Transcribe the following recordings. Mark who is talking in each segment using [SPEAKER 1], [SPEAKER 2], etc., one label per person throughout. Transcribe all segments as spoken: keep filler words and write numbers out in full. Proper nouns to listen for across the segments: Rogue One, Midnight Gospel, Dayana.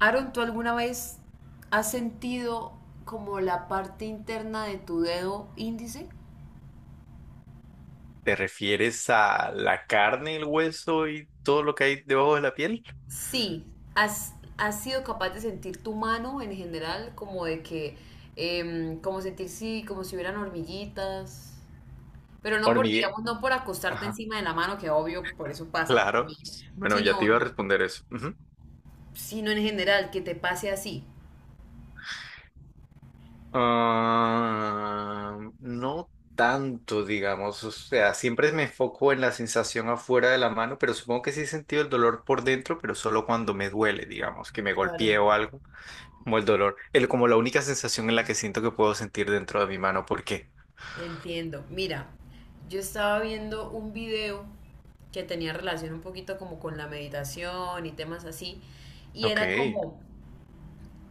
[SPEAKER 1] Aaron, ¿tú alguna vez has sentido como la parte interna de tu dedo índice?
[SPEAKER 2] ¿Te refieres a la carne, el hueso y todo lo que hay debajo de la piel?
[SPEAKER 1] Sí, has, has sido capaz de sentir tu mano en general, como de que, em, como sentir sí, como si hubieran hormiguitas, pero no por,
[SPEAKER 2] Hormigue.
[SPEAKER 1] digamos, no por acostarte
[SPEAKER 2] Ajá.
[SPEAKER 1] encima de la mano, que obvio, por eso pasa a
[SPEAKER 2] Claro.
[SPEAKER 1] mí,
[SPEAKER 2] Bueno, ya te
[SPEAKER 1] sino,
[SPEAKER 2] iba a responder eso. Ujú.
[SPEAKER 1] sino en general, que te pase así.
[SPEAKER 2] Ah, no tanto, digamos. O sea, siempre me enfoco en la sensación afuera de la mano, pero supongo que sí he sentido el dolor por dentro, pero solo cuando me duele, digamos, que me
[SPEAKER 1] Claro.
[SPEAKER 2] golpeé o algo, como el dolor, el, como la única sensación en la que siento que puedo sentir dentro de mi mano. ¿Por qué?
[SPEAKER 1] Entiendo. Mira, yo estaba viendo un video que tenía relación un poquito como con la meditación y temas así, y
[SPEAKER 2] Ok.
[SPEAKER 1] era como,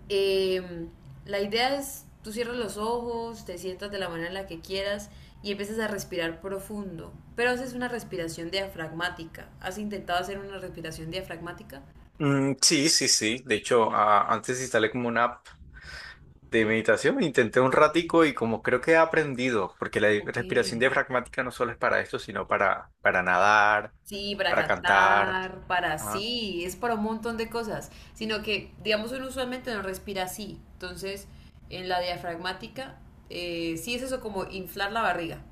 [SPEAKER 1] em, la idea es, tú cierras los ojos, te sientas de la manera en la que quieras y empiezas a respirar profundo, pero haces una respiración diafragmática. ¿Has intentado hacer una respiración diafragmática?
[SPEAKER 2] Mm, sí, sí, sí. De hecho, a- antes instalé como una app de meditación, intenté un
[SPEAKER 1] Ok,
[SPEAKER 2] ratico y como creo que he aprendido, porque la
[SPEAKER 1] ok.
[SPEAKER 2] respiración diafragmática no solo es para esto, sino para, para nadar,
[SPEAKER 1] Sí, para
[SPEAKER 2] para cantar,
[SPEAKER 1] cantar, para
[SPEAKER 2] ajá,
[SPEAKER 1] sí, es para un montón de cosas, sino que, digamos, uno usualmente no respira así. Entonces, en la diafragmática, eh, sí es eso como inflar la barriga.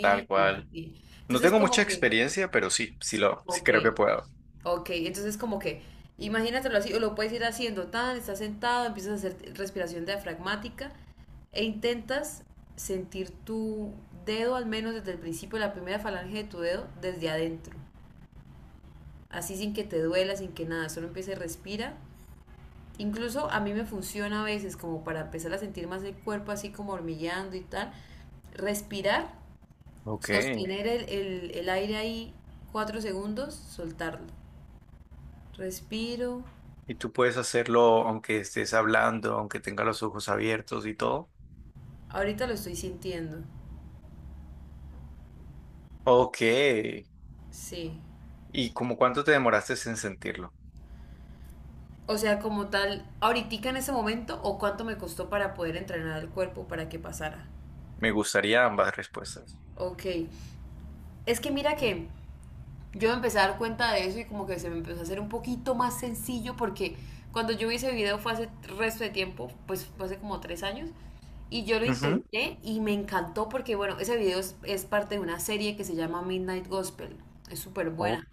[SPEAKER 2] tal
[SPEAKER 1] y bajar,
[SPEAKER 2] cual.
[SPEAKER 1] sí.
[SPEAKER 2] No
[SPEAKER 1] Entonces,
[SPEAKER 2] tengo
[SPEAKER 1] como
[SPEAKER 2] mucha
[SPEAKER 1] que,
[SPEAKER 2] experiencia, pero sí, sí lo, sí
[SPEAKER 1] ok,
[SPEAKER 2] creo que puedo.
[SPEAKER 1] ok, entonces como que, imagínatelo así, o lo puedes ir haciendo, tan, estás sentado, empiezas a hacer respiración diafragmática e intentas sentir tu dedo, al menos desde el principio, la primera falange de tu dedo, desde adentro así sin que te duela, sin que nada, solo empiece, respira. Incluso a mí me funciona a veces como para empezar a sentir más el cuerpo así como hormigueando y tal. Respirar,
[SPEAKER 2] Ok.
[SPEAKER 1] sostener el, el- el aire ahí cuatro segundos, soltarlo. Respiro.
[SPEAKER 2] ¿Y tú puedes hacerlo aunque estés hablando, aunque tengas los ojos abiertos y todo?
[SPEAKER 1] Ahorita lo estoy sintiendo.
[SPEAKER 2] Ok.
[SPEAKER 1] Sí.
[SPEAKER 2] ¿Y como cuánto te demoraste en sentirlo?
[SPEAKER 1] O sea, como tal, ahorita en ese momento o cuánto me costó para poder entrenar el cuerpo para que pasara.
[SPEAKER 2] Me gustaría ambas respuestas.
[SPEAKER 1] Ok. Es que mira que yo me empecé a dar cuenta de eso y como que se me empezó a hacer un poquito más sencillo porque cuando yo vi ese video fue hace resto de tiempo, pues fue hace como tres años. Y yo lo intenté y me encantó porque, bueno, ese video es, es parte de una serie que se llama Midnight Gospel. Es súper
[SPEAKER 2] Ok.
[SPEAKER 1] buena.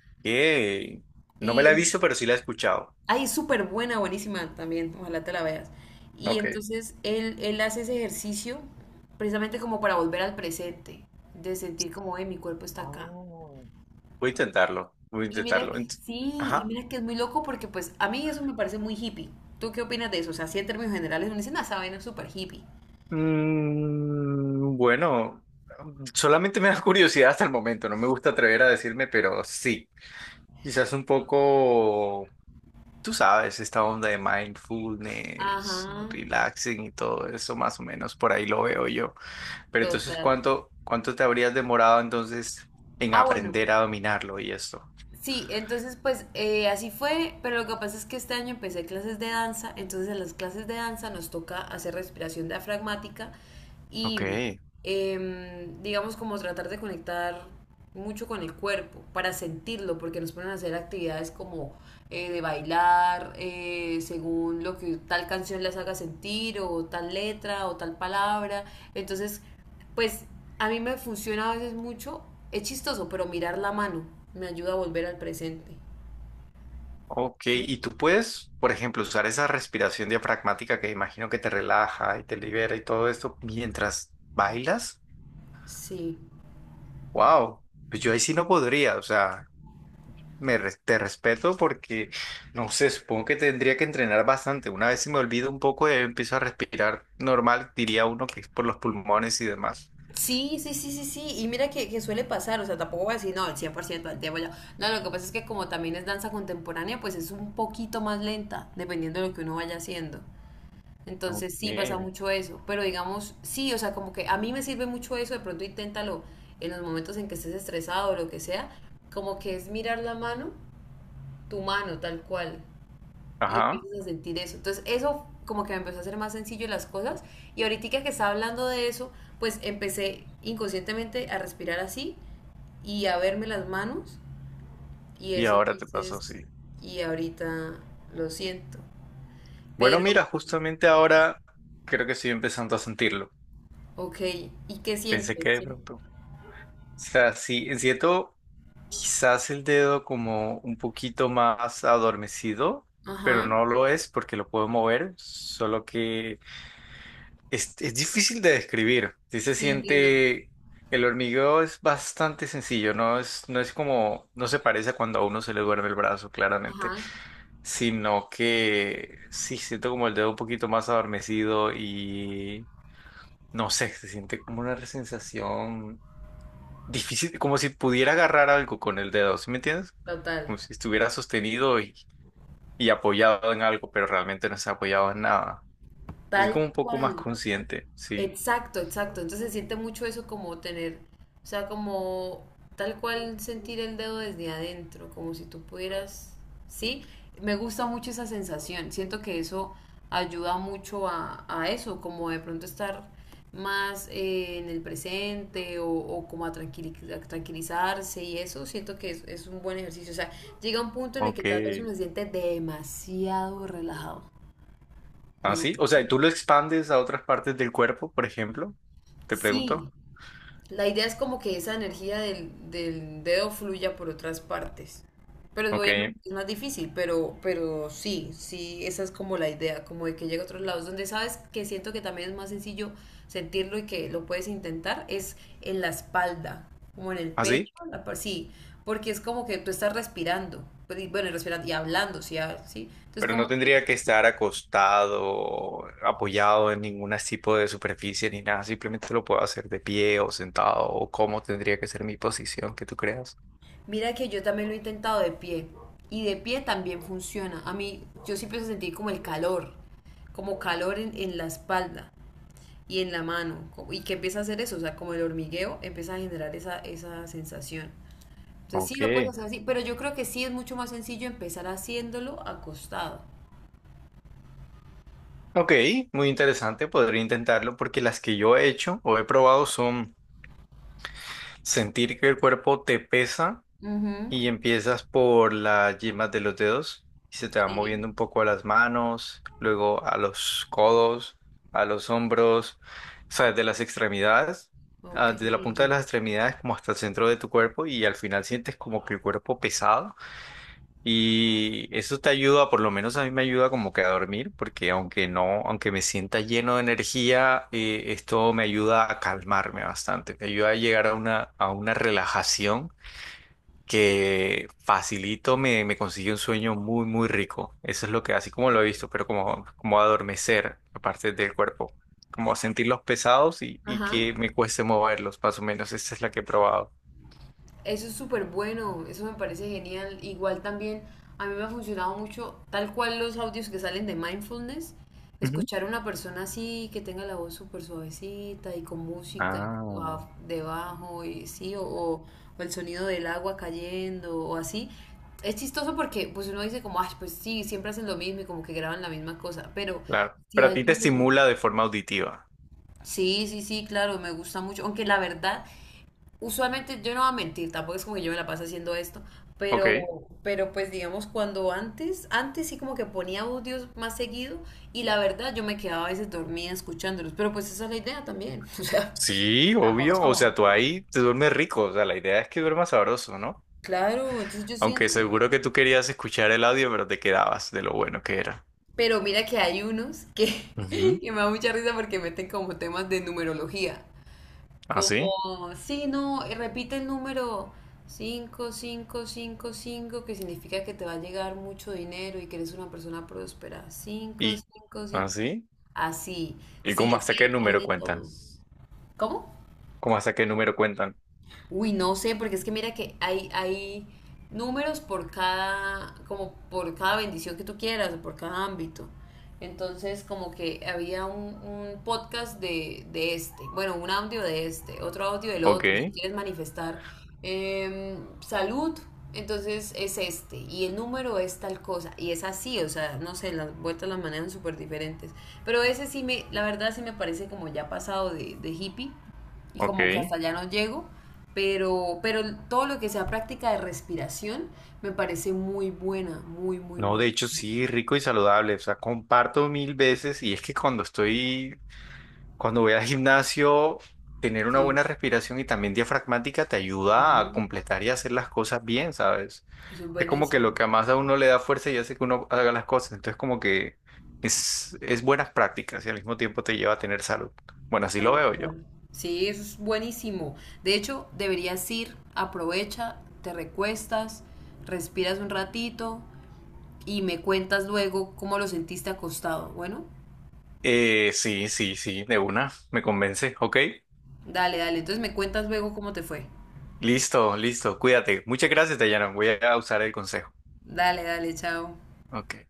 [SPEAKER 2] No me la he
[SPEAKER 1] Y
[SPEAKER 2] visto, pero sí la he escuchado.
[SPEAKER 1] ahí es súper buena, buenísima también. Ojalá te la veas. Y
[SPEAKER 2] Ok.
[SPEAKER 1] entonces él, él hace ese ejercicio precisamente como para volver al presente, de sentir como, eh, mi cuerpo está acá.
[SPEAKER 2] Oh. Voy a intentarlo. Voy a
[SPEAKER 1] Y mira,
[SPEAKER 2] intentarlo.
[SPEAKER 1] que-
[SPEAKER 2] Ent-
[SPEAKER 1] sí, y
[SPEAKER 2] Ajá.
[SPEAKER 1] mira que es muy loco porque pues a mí eso me parece muy hippie. ¿Tú qué opinas de eso? O sea, sí en términos generales uno dice, ah, esa vaina es súper hippie.
[SPEAKER 2] Mm, bueno, solamente me da curiosidad hasta el momento. No me gusta atrever a decirme, pero sí. Quizás un poco, tú sabes, esta onda de
[SPEAKER 1] Ajá,
[SPEAKER 2] mindfulness, relaxing y todo eso, más o menos, por ahí lo veo yo. Pero entonces,
[SPEAKER 1] total.
[SPEAKER 2] ¿cuánto, cuánto te habrías demorado entonces en
[SPEAKER 1] Ah, bueno,
[SPEAKER 2] aprender a dominarlo y esto?
[SPEAKER 1] sí, entonces pues eh, así fue, pero lo que pasa es que este año empecé clases de danza, entonces en las clases de danza nos toca hacer respiración diafragmática
[SPEAKER 2] Ok.
[SPEAKER 1] y em, digamos como tratar de conectar mucho con el cuerpo para sentirlo, porque nos ponen a hacer actividades como eh, de bailar, eh, según lo que tal canción les haga sentir, o tal letra, o tal palabra. Entonces, pues a mí me funciona a veces mucho, es chistoso, pero mirar la mano me ayuda a volver al presente.
[SPEAKER 2] Ok,
[SPEAKER 1] ¿Sí?
[SPEAKER 2] y tú puedes, por ejemplo, usar esa respiración diafragmática que imagino que te relaja y te libera y todo esto mientras bailas.
[SPEAKER 1] Sí.
[SPEAKER 2] Wow, pues yo ahí sí no podría, o sea, me res- te respeto porque no sé, supongo que tendría que entrenar bastante. Una vez se me olvida un poco y empiezo a respirar normal, diría uno que es por los pulmones y demás.
[SPEAKER 1] Sí, sí, sí, sí, sí. Y mira que, que suele pasar, o sea, tampoco voy a decir, no, el cien por ciento del tiempo ya. No, lo que pasa es que como también es danza contemporánea, pues es un poquito más lenta, dependiendo de lo que uno vaya haciendo. Entonces sí pasa
[SPEAKER 2] Ok,
[SPEAKER 1] mucho eso. Pero digamos, sí, o sea, como que a mí me sirve mucho eso, de pronto inténtalo en los momentos en que estés estresado o lo que sea, como que es mirar la mano, tu mano tal cual, y
[SPEAKER 2] ajá,
[SPEAKER 1] empiezas a sentir eso. Entonces eso como que me empezó a hacer más sencillo las cosas y ahorita que estaba hablando de eso, pues empecé inconscientemente a respirar así y a verme las manos y
[SPEAKER 2] y
[SPEAKER 1] eso
[SPEAKER 2] ahora te pasó
[SPEAKER 1] entonces,
[SPEAKER 2] así.
[SPEAKER 1] y ahorita lo siento.
[SPEAKER 2] Bueno,
[SPEAKER 1] Pero,
[SPEAKER 2] mira, justamente ahora creo que estoy empezando a sentirlo.
[SPEAKER 1] ok, ¿y qué
[SPEAKER 2] Pensé
[SPEAKER 1] sientes?
[SPEAKER 2] que de
[SPEAKER 1] Sí.
[SPEAKER 2] pronto sea, sí, siento quizás el dedo como un poquito más adormecido, pero
[SPEAKER 1] Ajá,
[SPEAKER 2] no lo es porque lo puedo mover, solo que es, es difícil de describir. Sí se
[SPEAKER 1] sí entiendo.
[SPEAKER 2] siente, el hormigueo es bastante sencillo, no es, no es como, no se parece a cuando a uno se le duerme el brazo, claramente,
[SPEAKER 1] Ajá,
[SPEAKER 2] sino que sí siento como el dedo un poquito más adormecido y no sé, se siente como una sensación difícil, como si pudiera agarrar algo con el dedo, ¿sí me entiendes?
[SPEAKER 1] total,
[SPEAKER 2] Como si estuviera sostenido y, y apoyado en algo, pero realmente no se ha apoyado en nada. Así
[SPEAKER 1] tal
[SPEAKER 2] como un poco más
[SPEAKER 1] cual.
[SPEAKER 2] consciente, sí.
[SPEAKER 1] Exacto, exacto. Entonces se siente mucho eso como tener, o sea, como tal cual sentir el dedo desde adentro, como si tú pudieras, ¿sí? Me gusta mucho esa sensación. Siento que eso ayuda mucho a, a eso, como de pronto estar más eh, en el presente o, o como a, tranquili- a tranquilizarse y eso, siento que es, es un buen ejercicio. O sea, llega un punto en el
[SPEAKER 2] Ok.
[SPEAKER 1] que tal vez uno se siente demasiado relajado. Dem-
[SPEAKER 2] Así, o sea, ¿tú lo expandes a otras partes del cuerpo, por ejemplo? Te
[SPEAKER 1] sí.
[SPEAKER 2] pregunto.
[SPEAKER 1] La idea es como que esa energía del, del dedo fluya por otras partes. Pero es-
[SPEAKER 2] Ok.
[SPEAKER 1] obviamente es más difícil, pero, pero sí, sí, esa es como la idea, como de que llegue a otros lados. Donde sabes que siento que también es más sencillo sentirlo y que lo puedes intentar es en la espalda, como en el
[SPEAKER 2] Así,
[SPEAKER 1] pecho, la par- sí, porque es como que tú estás respirando, pues, y bueno, y respirando y hablando, sí, ah, sí. Entonces
[SPEAKER 2] pero no
[SPEAKER 1] como que
[SPEAKER 2] tendría que estar acostado, apoyado en ningún tipo de superficie ni nada. Simplemente lo puedo hacer de pie o sentado o cómo tendría que ser mi posición que tú creas.
[SPEAKER 1] mira que yo también lo he intentado de pie y de pie también funciona. A mí, yo siempre empiezo a sentir como el calor, como calor en, en la espalda y en la mano. co- ¿Y que empieza a hacer eso? O sea, como el hormigueo empieza a generar esa, esa sensación. Entonces sí lo puedes
[SPEAKER 2] Ok.
[SPEAKER 1] hacer así, pero yo creo que sí es mucho más sencillo empezar haciéndolo acostado.
[SPEAKER 2] Ok, muy interesante, podría intentarlo porque las que yo he hecho o he probado son sentir que el cuerpo te pesa
[SPEAKER 1] Ujú,
[SPEAKER 2] y empiezas por las yemas de los dedos y se te va
[SPEAKER 1] sí,
[SPEAKER 2] moviendo un poco a las manos, luego a los codos, a los hombros, o sea, desde las extremidades, ah, desde la punta de
[SPEAKER 1] ok.
[SPEAKER 2] las extremidades como hasta el centro de tu cuerpo y al final sientes como que el cuerpo pesado y eso te ayuda, por lo menos a mí me ayuda como que a dormir, porque aunque no, aunque me sienta lleno de energía, eh, esto me ayuda a calmarme bastante, me ayuda a llegar a una, a una relajación que facilito, me, me consigue un sueño muy, muy rico. Eso es lo que, así como lo he visto, pero como, como adormecer la parte del cuerpo, como sentirlos pesados y, y
[SPEAKER 1] Ajá.
[SPEAKER 2] que me cueste moverlos, más o menos. Esa es la que he probado.
[SPEAKER 1] Eso es súper bueno, eso me parece genial. Igual también a mí me ha funcionado mucho, tal cual los audios que salen de mindfulness,
[SPEAKER 2] Ujú.
[SPEAKER 1] escuchar a una persona así que tenga la voz súper suavecita y con música
[SPEAKER 2] Ah,
[SPEAKER 1] a- debajo y sí, o, o- o el sonido del agua cayendo o así. Es chistoso porque pues uno dice como, ay, pues sí, siempre hacen lo mismo y como que graban la misma cosa, pero
[SPEAKER 2] claro.
[SPEAKER 1] sí
[SPEAKER 2] Pero a ti te
[SPEAKER 1] ayuda.
[SPEAKER 2] estimula de forma auditiva.
[SPEAKER 1] Sí, sí, sí, claro, me gusta mucho. Aunque la verdad, usualmente yo no voy a mentir, tampoco es como que yo me la paso haciendo esto, pero,
[SPEAKER 2] Ok.
[SPEAKER 1] pero pues digamos cuando antes, antes sí como que ponía audios más seguido y la verdad yo me quedaba a veces dormida escuchándolos, pero pues esa es la idea también, o sea,
[SPEAKER 2] Sí,
[SPEAKER 1] tampoco es
[SPEAKER 2] obvio. O sea,
[SPEAKER 1] como,
[SPEAKER 2] tú ahí te duermes rico. O sea, la idea es que duermas sabroso, ¿no?
[SPEAKER 1] claro, entonces yo
[SPEAKER 2] Aunque
[SPEAKER 1] siento,
[SPEAKER 2] seguro que tú querías escuchar el audio, pero te quedabas de lo bueno que era.
[SPEAKER 1] pero mira que hay unos que,
[SPEAKER 2] Ujú.
[SPEAKER 1] que me da mucha risa porque meten como temas de numerología.
[SPEAKER 2] ¿Así?
[SPEAKER 1] Como, sí, no, y repite el número cinco cinco cinco cinco que significa que te va a llegar mucho dinero y que eres una persona próspera. cinco
[SPEAKER 2] ¿Y
[SPEAKER 1] cinco cinco
[SPEAKER 2] así?
[SPEAKER 1] Así,
[SPEAKER 2] ¿Y
[SPEAKER 1] sí,
[SPEAKER 2] cómo
[SPEAKER 1] es
[SPEAKER 2] hasta
[SPEAKER 1] que
[SPEAKER 2] qué
[SPEAKER 1] hay, hay
[SPEAKER 2] número
[SPEAKER 1] de
[SPEAKER 2] cuentan?
[SPEAKER 1] todo. ¿Cómo?
[SPEAKER 2] ¿Cómo hasta qué número cuentan?
[SPEAKER 1] Uy, no sé, porque es que mira que hay, hay números por cada, como por cada bendición que tú quieras, o por cada ámbito. Entonces, como que había un, un podcast de, de este, bueno, un audio de este, otro audio del
[SPEAKER 2] Ok,
[SPEAKER 1] otro, si quieres manifestar eh, salud, entonces es este, y el número es tal cosa, y es así, o sea, no sé, las vueltas las manejan súper diferentes. Pero ese sí me, la verdad sí me parece como ya pasado de, de hippie, y como que
[SPEAKER 2] ok.
[SPEAKER 1] hasta ya no llego, pero, pero todo lo que sea práctica de respiración me parece muy buena, muy, muy,
[SPEAKER 2] No,
[SPEAKER 1] muy.
[SPEAKER 2] de hecho sí, rico y saludable. O sea, comparto mil veces. Y es que cuando estoy, cuando voy al gimnasio, tener una
[SPEAKER 1] Sí,
[SPEAKER 2] buena respiración y también diafragmática te ayuda
[SPEAKER 1] claro.
[SPEAKER 2] a completar y hacer las cosas bien, ¿sabes?
[SPEAKER 1] Eso es
[SPEAKER 2] Es como que lo
[SPEAKER 1] buenísimo,
[SPEAKER 2] que más a uno le da fuerza y hace que uno haga las cosas. Entonces, como que es, es buenas prácticas y al mismo tiempo te lleva a tener salud. Bueno, así lo
[SPEAKER 1] tal
[SPEAKER 2] veo yo.
[SPEAKER 1] cual. Sí, eso es buenísimo. De hecho, deberías ir, aprovecha, te recuestas, respiras un ratito y me cuentas luego cómo lo sentiste acostado. Bueno,
[SPEAKER 2] Eh, sí, sí, sí, de una, me convence. Ok,
[SPEAKER 1] dale, dale. Entonces me cuentas luego cómo te fue.
[SPEAKER 2] listo, listo, cuídate. Muchas gracias, Dayana. Voy a usar el consejo.
[SPEAKER 1] Dale, dale, chao.
[SPEAKER 2] Ok.